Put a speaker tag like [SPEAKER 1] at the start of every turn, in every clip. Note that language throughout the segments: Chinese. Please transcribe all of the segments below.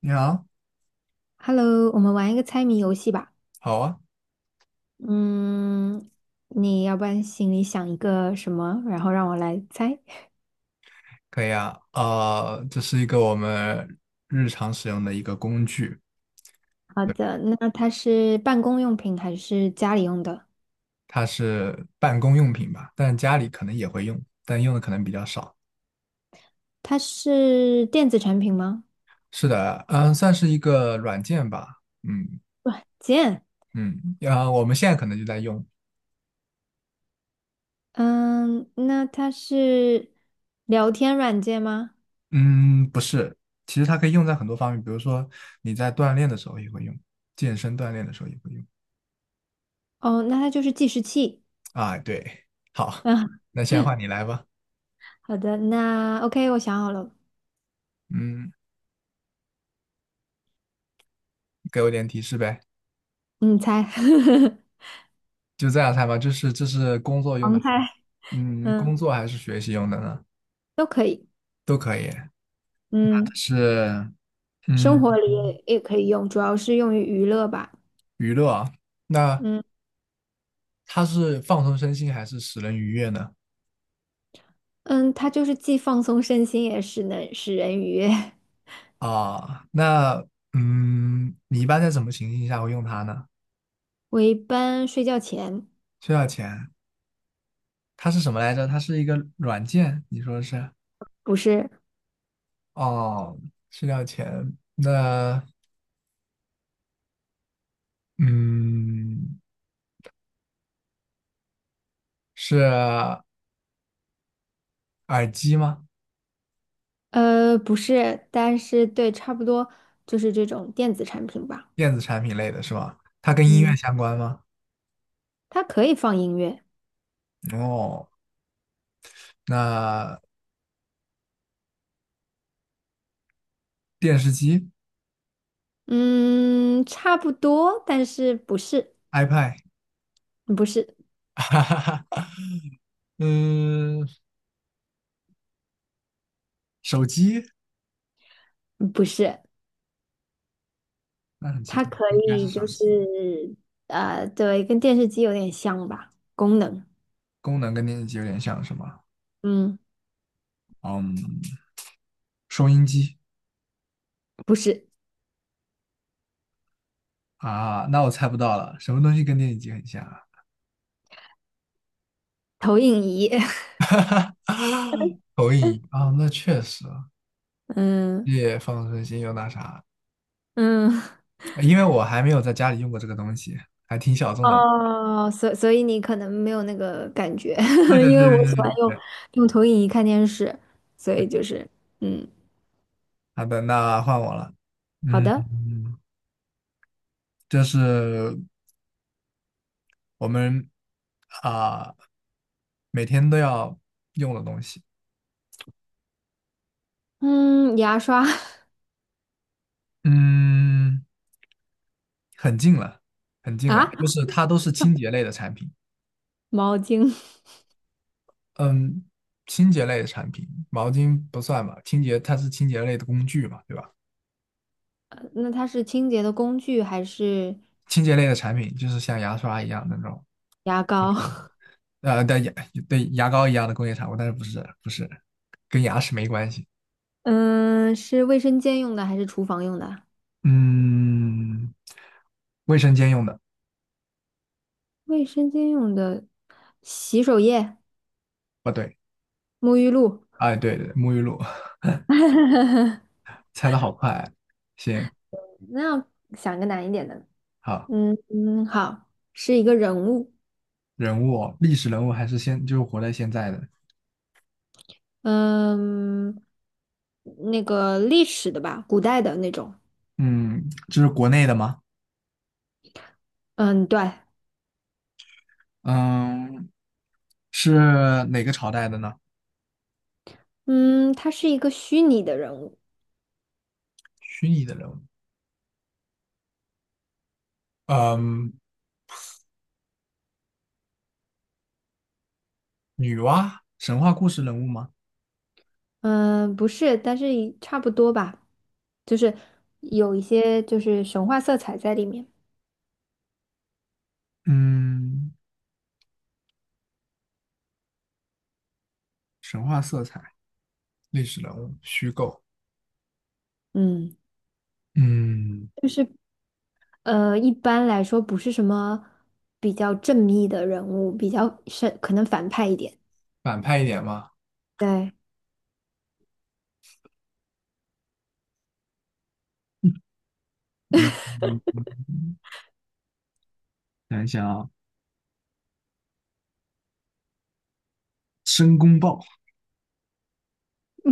[SPEAKER 1] 你好。
[SPEAKER 2] Hello，我们玩一个猜谜游戏吧。
[SPEAKER 1] 好啊。
[SPEAKER 2] 嗯，你要不然心里想一个什么，然后让我来猜。
[SPEAKER 1] 可以啊，这是一个我们日常使用的一个工具。
[SPEAKER 2] 好
[SPEAKER 1] 对，
[SPEAKER 2] 的，那它是办公用品还是家里用的？
[SPEAKER 1] 它是办公用品吧，但家里可能也会用，但用的可能比较少。
[SPEAKER 2] 它是电子产品吗？
[SPEAKER 1] 是的，嗯，算是一个软件吧。嗯
[SPEAKER 2] 软件。
[SPEAKER 1] 嗯，啊，我们现在可能就在用。
[SPEAKER 2] 嗯，那它是聊天软件吗？
[SPEAKER 1] 嗯，不是，其实它可以用在很多方面，比如说你在锻炼的时候也会用，健身锻炼的时候也会用。
[SPEAKER 2] 哦，那它就是计时器。
[SPEAKER 1] 啊，对。好。
[SPEAKER 2] 嗯，
[SPEAKER 1] 那现在换你来吧。
[SPEAKER 2] 好的，那 OK，我想好了，
[SPEAKER 1] 嗯，给我点提示呗。
[SPEAKER 2] 你猜，
[SPEAKER 1] 就这样猜吧，就是这是工作用的。
[SPEAKER 2] 盲猜，
[SPEAKER 1] 嗯，
[SPEAKER 2] 嗯，
[SPEAKER 1] 工作还是学习用的呢？
[SPEAKER 2] 都可以。
[SPEAKER 1] 都可以。
[SPEAKER 2] 嗯。
[SPEAKER 1] 是。
[SPEAKER 2] 生
[SPEAKER 1] 嗯。
[SPEAKER 2] 活里也可以用，主要是用于娱乐吧。
[SPEAKER 1] 娱乐啊。那
[SPEAKER 2] 嗯
[SPEAKER 1] 它是放松身心还是使人愉悦呢？
[SPEAKER 2] 嗯，它就是既放松身心，也是能使人愉悦。
[SPEAKER 1] 啊，那嗯，你一般在什么情形下会用它呢？
[SPEAKER 2] 我一般睡觉前
[SPEAKER 1] 需要钱，它是什么来着？它是一个软件，你说是？
[SPEAKER 2] 不是，
[SPEAKER 1] 哦，需要钱。那嗯，是耳机吗？
[SPEAKER 2] 不是，但是对，差不多就是这种电子产品吧。
[SPEAKER 1] 电子产品类的是吧？它跟音乐
[SPEAKER 2] 嗯，
[SPEAKER 1] 相关吗？
[SPEAKER 2] 它可以放音乐。
[SPEAKER 1] 哦，那电视机、
[SPEAKER 2] 嗯，差不多，但是不是，
[SPEAKER 1] iPad,
[SPEAKER 2] 不是，
[SPEAKER 1] 哈哈哈，嗯，手机。
[SPEAKER 2] 嗯不是，
[SPEAKER 1] 那很奇
[SPEAKER 2] 它
[SPEAKER 1] 怪，
[SPEAKER 2] 可
[SPEAKER 1] 不应该是
[SPEAKER 2] 以
[SPEAKER 1] 手
[SPEAKER 2] 就是
[SPEAKER 1] 机。
[SPEAKER 2] 对，跟电视机有点像吧，功能。
[SPEAKER 1] 功能跟电视机有点像是吗？
[SPEAKER 2] 嗯，
[SPEAKER 1] 嗯，收音机
[SPEAKER 2] 不是
[SPEAKER 1] 啊，那我猜不到了，什么东西跟电视机很像啊？
[SPEAKER 2] 投影仪。
[SPEAKER 1] 投影仪啊，那确实
[SPEAKER 2] 嗯
[SPEAKER 1] 也放身心又那啥，
[SPEAKER 2] 嗯，
[SPEAKER 1] 因为我还没有在家里用过这个东西，还挺小众的。
[SPEAKER 2] 哦，所以你可能没有那个感觉，
[SPEAKER 1] 对 对对
[SPEAKER 2] 因为我
[SPEAKER 1] 对
[SPEAKER 2] 喜
[SPEAKER 1] 对
[SPEAKER 2] 欢用
[SPEAKER 1] 对。
[SPEAKER 2] 用投影仪看电视，所以就是嗯，
[SPEAKER 1] 好的，那换我了。
[SPEAKER 2] 好
[SPEAKER 1] 嗯，
[SPEAKER 2] 的，
[SPEAKER 1] 这是我们啊、每天都要用的东西。
[SPEAKER 2] 嗯，牙刷
[SPEAKER 1] 嗯，很近了，很近
[SPEAKER 2] 啊，
[SPEAKER 1] 了，就是它都是清洁类的产品。
[SPEAKER 2] 毛巾，
[SPEAKER 1] 嗯，清洁类的产品，毛巾不算吧，清洁它是清洁类的工具嘛，对吧？
[SPEAKER 2] 那它是清洁的工具还是
[SPEAKER 1] 清洁类的产品就是像牙刷一样的那种。
[SPEAKER 2] 牙膏？
[SPEAKER 1] 对牙对牙膏一样的工业产物，但是不是跟牙齿没关系。
[SPEAKER 2] 嗯，是卫生间用的还是厨房用的？
[SPEAKER 1] 嗯，卫生间用的。
[SPEAKER 2] 卫生间用的洗手液、
[SPEAKER 1] 不对。
[SPEAKER 2] 沐浴露，
[SPEAKER 1] 哎对对，沐浴露，猜的好快啊。行。
[SPEAKER 2] 那要想个难一点的。
[SPEAKER 1] 好。
[SPEAKER 2] 嗯嗯，好，是一个人物。
[SPEAKER 1] 人物哦历史人物还是现，就是活在现在的。
[SPEAKER 2] 嗯，那个历史的吧，古代的那种。
[SPEAKER 1] 嗯，这是国内的吗？
[SPEAKER 2] 嗯，对，
[SPEAKER 1] 嗯，是哪个朝代的呢？
[SPEAKER 2] 嗯，他是一个虚拟的人物。
[SPEAKER 1] 虚拟的人物。嗯，女娲，神话故事人物吗？
[SPEAKER 2] 嗯，不是，但是也差不多吧，就是有一些就是神话色彩在里面。
[SPEAKER 1] 嗯，神话色彩，历史人物，虚构。
[SPEAKER 2] 嗯，
[SPEAKER 1] 嗯，
[SPEAKER 2] 就是一般来说不是什么比较正义的人物，比较是可能反派一点。
[SPEAKER 1] 反派一点吗？
[SPEAKER 2] 对，
[SPEAKER 1] 嗯，想一想啊，申公豹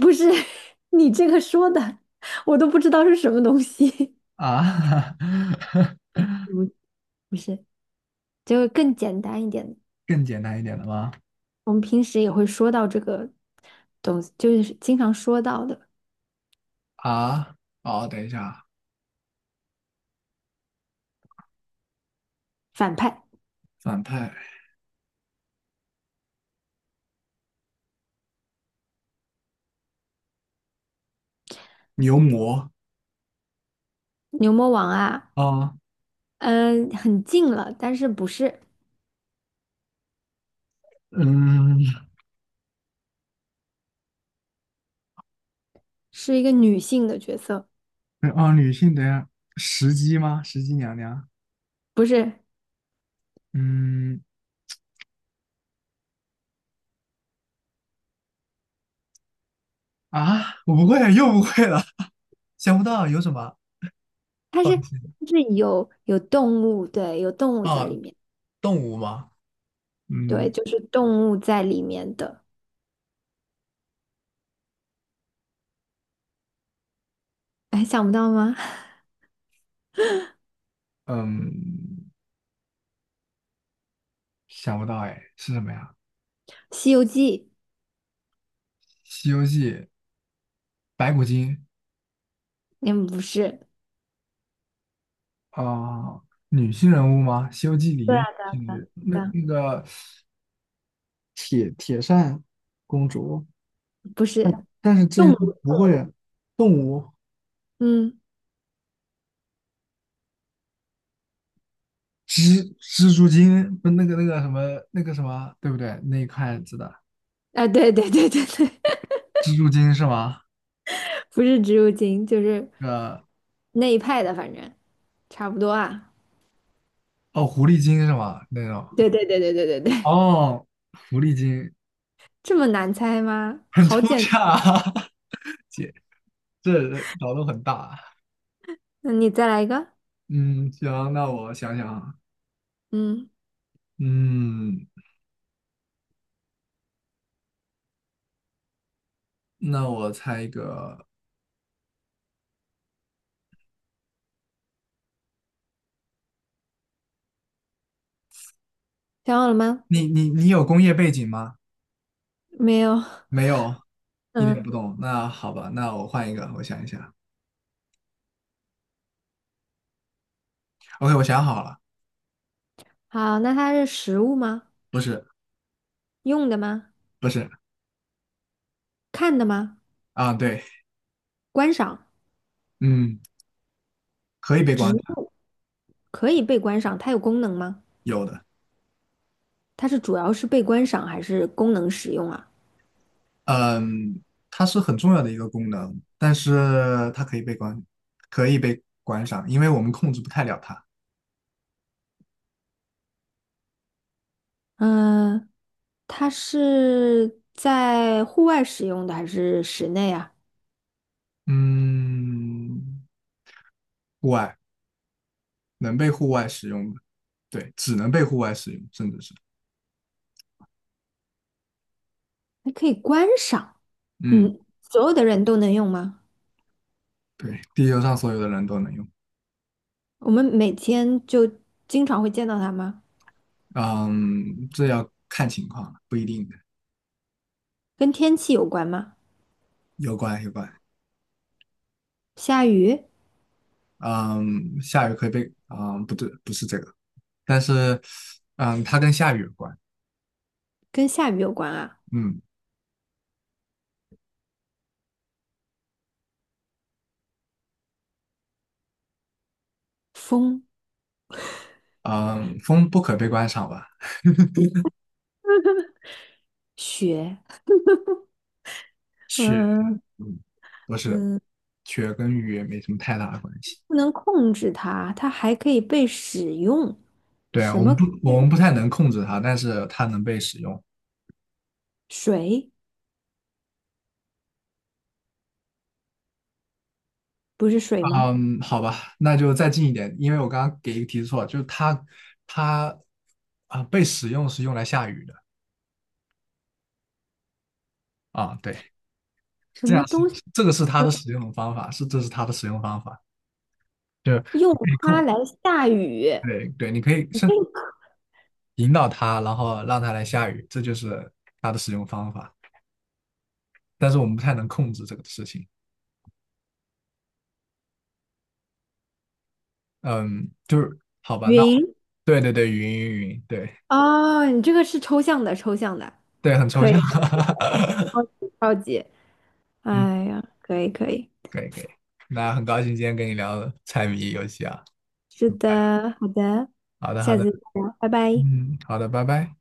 [SPEAKER 2] 不是 你这个说的，我都不知道是什么东西。
[SPEAKER 1] 啊，
[SPEAKER 2] 不，不是，就是更简单一点的
[SPEAKER 1] 更简单一点的吗？
[SPEAKER 2] 我们平时也会说到这个东西，就是经常说到的
[SPEAKER 1] 啊，哦，等一下啊，
[SPEAKER 2] 反派
[SPEAKER 1] 反派牛魔
[SPEAKER 2] 牛魔王啊，
[SPEAKER 1] 啊。哦
[SPEAKER 2] 嗯，很近了，但是不是，
[SPEAKER 1] 嗯，
[SPEAKER 2] 是一个女性的角色，
[SPEAKER 1] 哦，女性的一石姬吗？石姬娘娘？
[SPEAKER 2] 不是，
[SPEAKER 1] 嗯啊，我不会，又不会了，想不到有什么
[SPEAKER 2] 它是有动物，对，有动物在里
[SPEAKER 1] 啊，
[SPEAKER 2] 面，
[SPEAKER 1] 动物吗？
[SPEAKER 2] 对，
[SPEAKER 1] 嗯
[SPEAKER 2] 就是动物在里面的，哎，想不到吗？
[SPEAKER 1] 嗯，想不到哎，是什么呀？
[SPEAKER 2] 《西游记》
[SPEAKER 1] 《西游记》白骨精
[SPEAKER 2] 嗯，不是，
[SPEAKER 1] 啊、女性人物吗？《西游记》里
[SPEAKER 2] 对啊，
[SPEAKER 1] 面女性人物那
[SPEAKER 2] 对啊
[SPEAKER 1] 那个铁扇公主，
[SPEAKER 2] 不是
[SPEAKER 1] 但是这些
[SPEAKER 2] 动物，
[SPEAKER 1] 都不
[SPEAKER 2] 动
[SPEAKER 1] 会。
[SPEAKER 2] 物，
[SPEAKER 1] 动物
[SPEAKER 2] 嗯，
[SPEAKER 1] 蜘蛛精不那个那个什么那个什么，对不对？那一块子的
[SPEAKER 2] 啊，对对对对对，
[SPEAKER 1] 蜘蛛精是吗？
[SPEAKER 2] 不是植物精，就是。
[SPEAKER 1] 呃，
[SPEAKER 2] 那一派的，反正差不多啊。
[SPEAKER 1] 哦，狐狸精是吗？那种
[SPEAKER 2] 对对对对对对对，
[SPEAKER 1] 哦，狐狸精
[SPEAKER 2] 这么难猜吗？
[SPEAKER 1] 很
[SPEAKER 2] 好
[SPEAKER 1] 抽
[SPEAKER 2] 简
[SPEAKER 1] 象
[SPEAKER 2] 单。
[SPEAKER 1] 啊 姐，这脑洞很大啊。
[SPEAKER 2] 那你再来一个。
[SPEAKER 1] 嗯，行，那我想想啊。
[SPEAKER 2] 嗯，
[SPEAKER 1] 嗯，那我猜一个，
[SPEAKER 2] 想好了吗？
[SPEAKER 1] 你有工业背景吗？
[SPEAKER 2] 没有。
[SPEAKER 1] 没有，一点
[SPEAKER 2] 嗯，
[SPEAKER 1] 不懂。那好吧，那我换一个，我想一想。OK,我想好了。
[SPEAKER 2] 好，那它是实物吗？
[SPEAKER 1] 不是。
[SPEAKER 2] 用的吗？
[SPEAKER 1] 不是。
[SPEAKER 2] 看的吗？
[SPEAKER 1] 啊，对。
[SPEAKER 2] 观赏，
[SPEAKER 1] 嗯，可以被关。
[SPEAKER 2] 可以被观赏，它有功能吗？
[SPEAKER 1] 有的。
[SPEAKER 2] 它是主要是被观赏还是功能使用啊？
[SPEAKER 1] 嗯，它是很重要的一个功能，但是它可以被关，可以被关上，因为我们控制不太了它。
[SPEAKER 2] 嗯，它是在户外使用的还是室内啊？
[SPEAKER 1] 嗯，户外能被户外使用的，对，只能被户外使用，甚至是，
[SPEAKER 2] 还可以观赏。
[SPEAKER 1] 嗯，
[SPEAKER 2] 嗯，所有的人都能用吗？
[SPEAKER 1] 对，地球上所有的人都能用。
[SPEAKER 2] 我们每天就经常会见到它吗？
[SPEAKER 1] 嗯，这要看情况了，不一定的。
[SPEAKER 2] 跟天气有关吗？
[SPEAKER 1] 有关有关。
[SPEAKER 2] 下雨，
[SPEAKER 1] 嗯，下雨可以被，嗯，不对，不是这个，但是，嗯，它跟下雨有关。
[SPEAKER 2] 跟下雨有关啊。
[SPEAKER 1] 嗯。
[SPEAKER 2] 风、
[SPEAKER 1] 嗯，风不可被关上吧？
[SPEAKER 2] 雪，
[SPEAKER 1] 是。
[SPEAKER 2] 嗯，
[SPEAKER 1] 嗯，不是，雪跟雨言没什么太大的关系。
[SPEAKER 2] 不能控制它，它还可以被使用。
[SPEAKER 1] 对啊，
[SPEAKER 2] 什么
[SPEAKER 1] 我们不太能控制它，但是它能被使用。
[SPEAKER 2] 水？不是水吗？
[SPEAKER 1] 嗯，好吧，那就再近一点，因为我刚刚给一个提示错了，就是它，它啊、被使用是用来下雨的啊，对，
[SPEAKER 2] 什
[SPEAKER 1] 这
[SPEAKER 2] 么
[SPEAKER 1] 样是
[SPEAKER 2] 东西
[SPEAKER 1] 这个是它
[SPEAKER 2] 可
[SPEAKER 1] 的使用方法，是这是它的使用方法，就
[SPEAKER 2] 以用
[SPEAKER 1] 你可以
[SPEAKER 2] 它
[SPEAKER 1] 控，
[SPEAKER 2] 来下雨？
[SPEAKER 1] 对对，你可以甚至引导它，然后让它来下雨，这就是它的使用方法，但是我们不太能控制这个事情。嗯，就是好吧，那
[SPEAKER 2] 云
[SPEAKER 1] 对对对，云云云，对
[SPEAKER 2] 啊，哦你这个是抽象的，抽象的，
[SPEAKER 1] 对，很抽
[SPEAKER 2] 可以，
[SPEAKER 1] 象，
[SPEAKER 2] 超级超级，
[SPEAKER 1] 嗯，
[SPEAKER 2] 哎呀，可以可以，
[SPEAKER 1] 可以可以。那很高兴今天跟你聊猜谜游戏啊。
[SPEAKER 2] 是的，好的，
[SPEAKER 1] 好的好
[SPEAKER 2] 下
[SPEAKER 1] 的。
[SPEAKER 2] 次再聊，拜拜。
[SPEAKER 1] 嗯，好的，拜拜。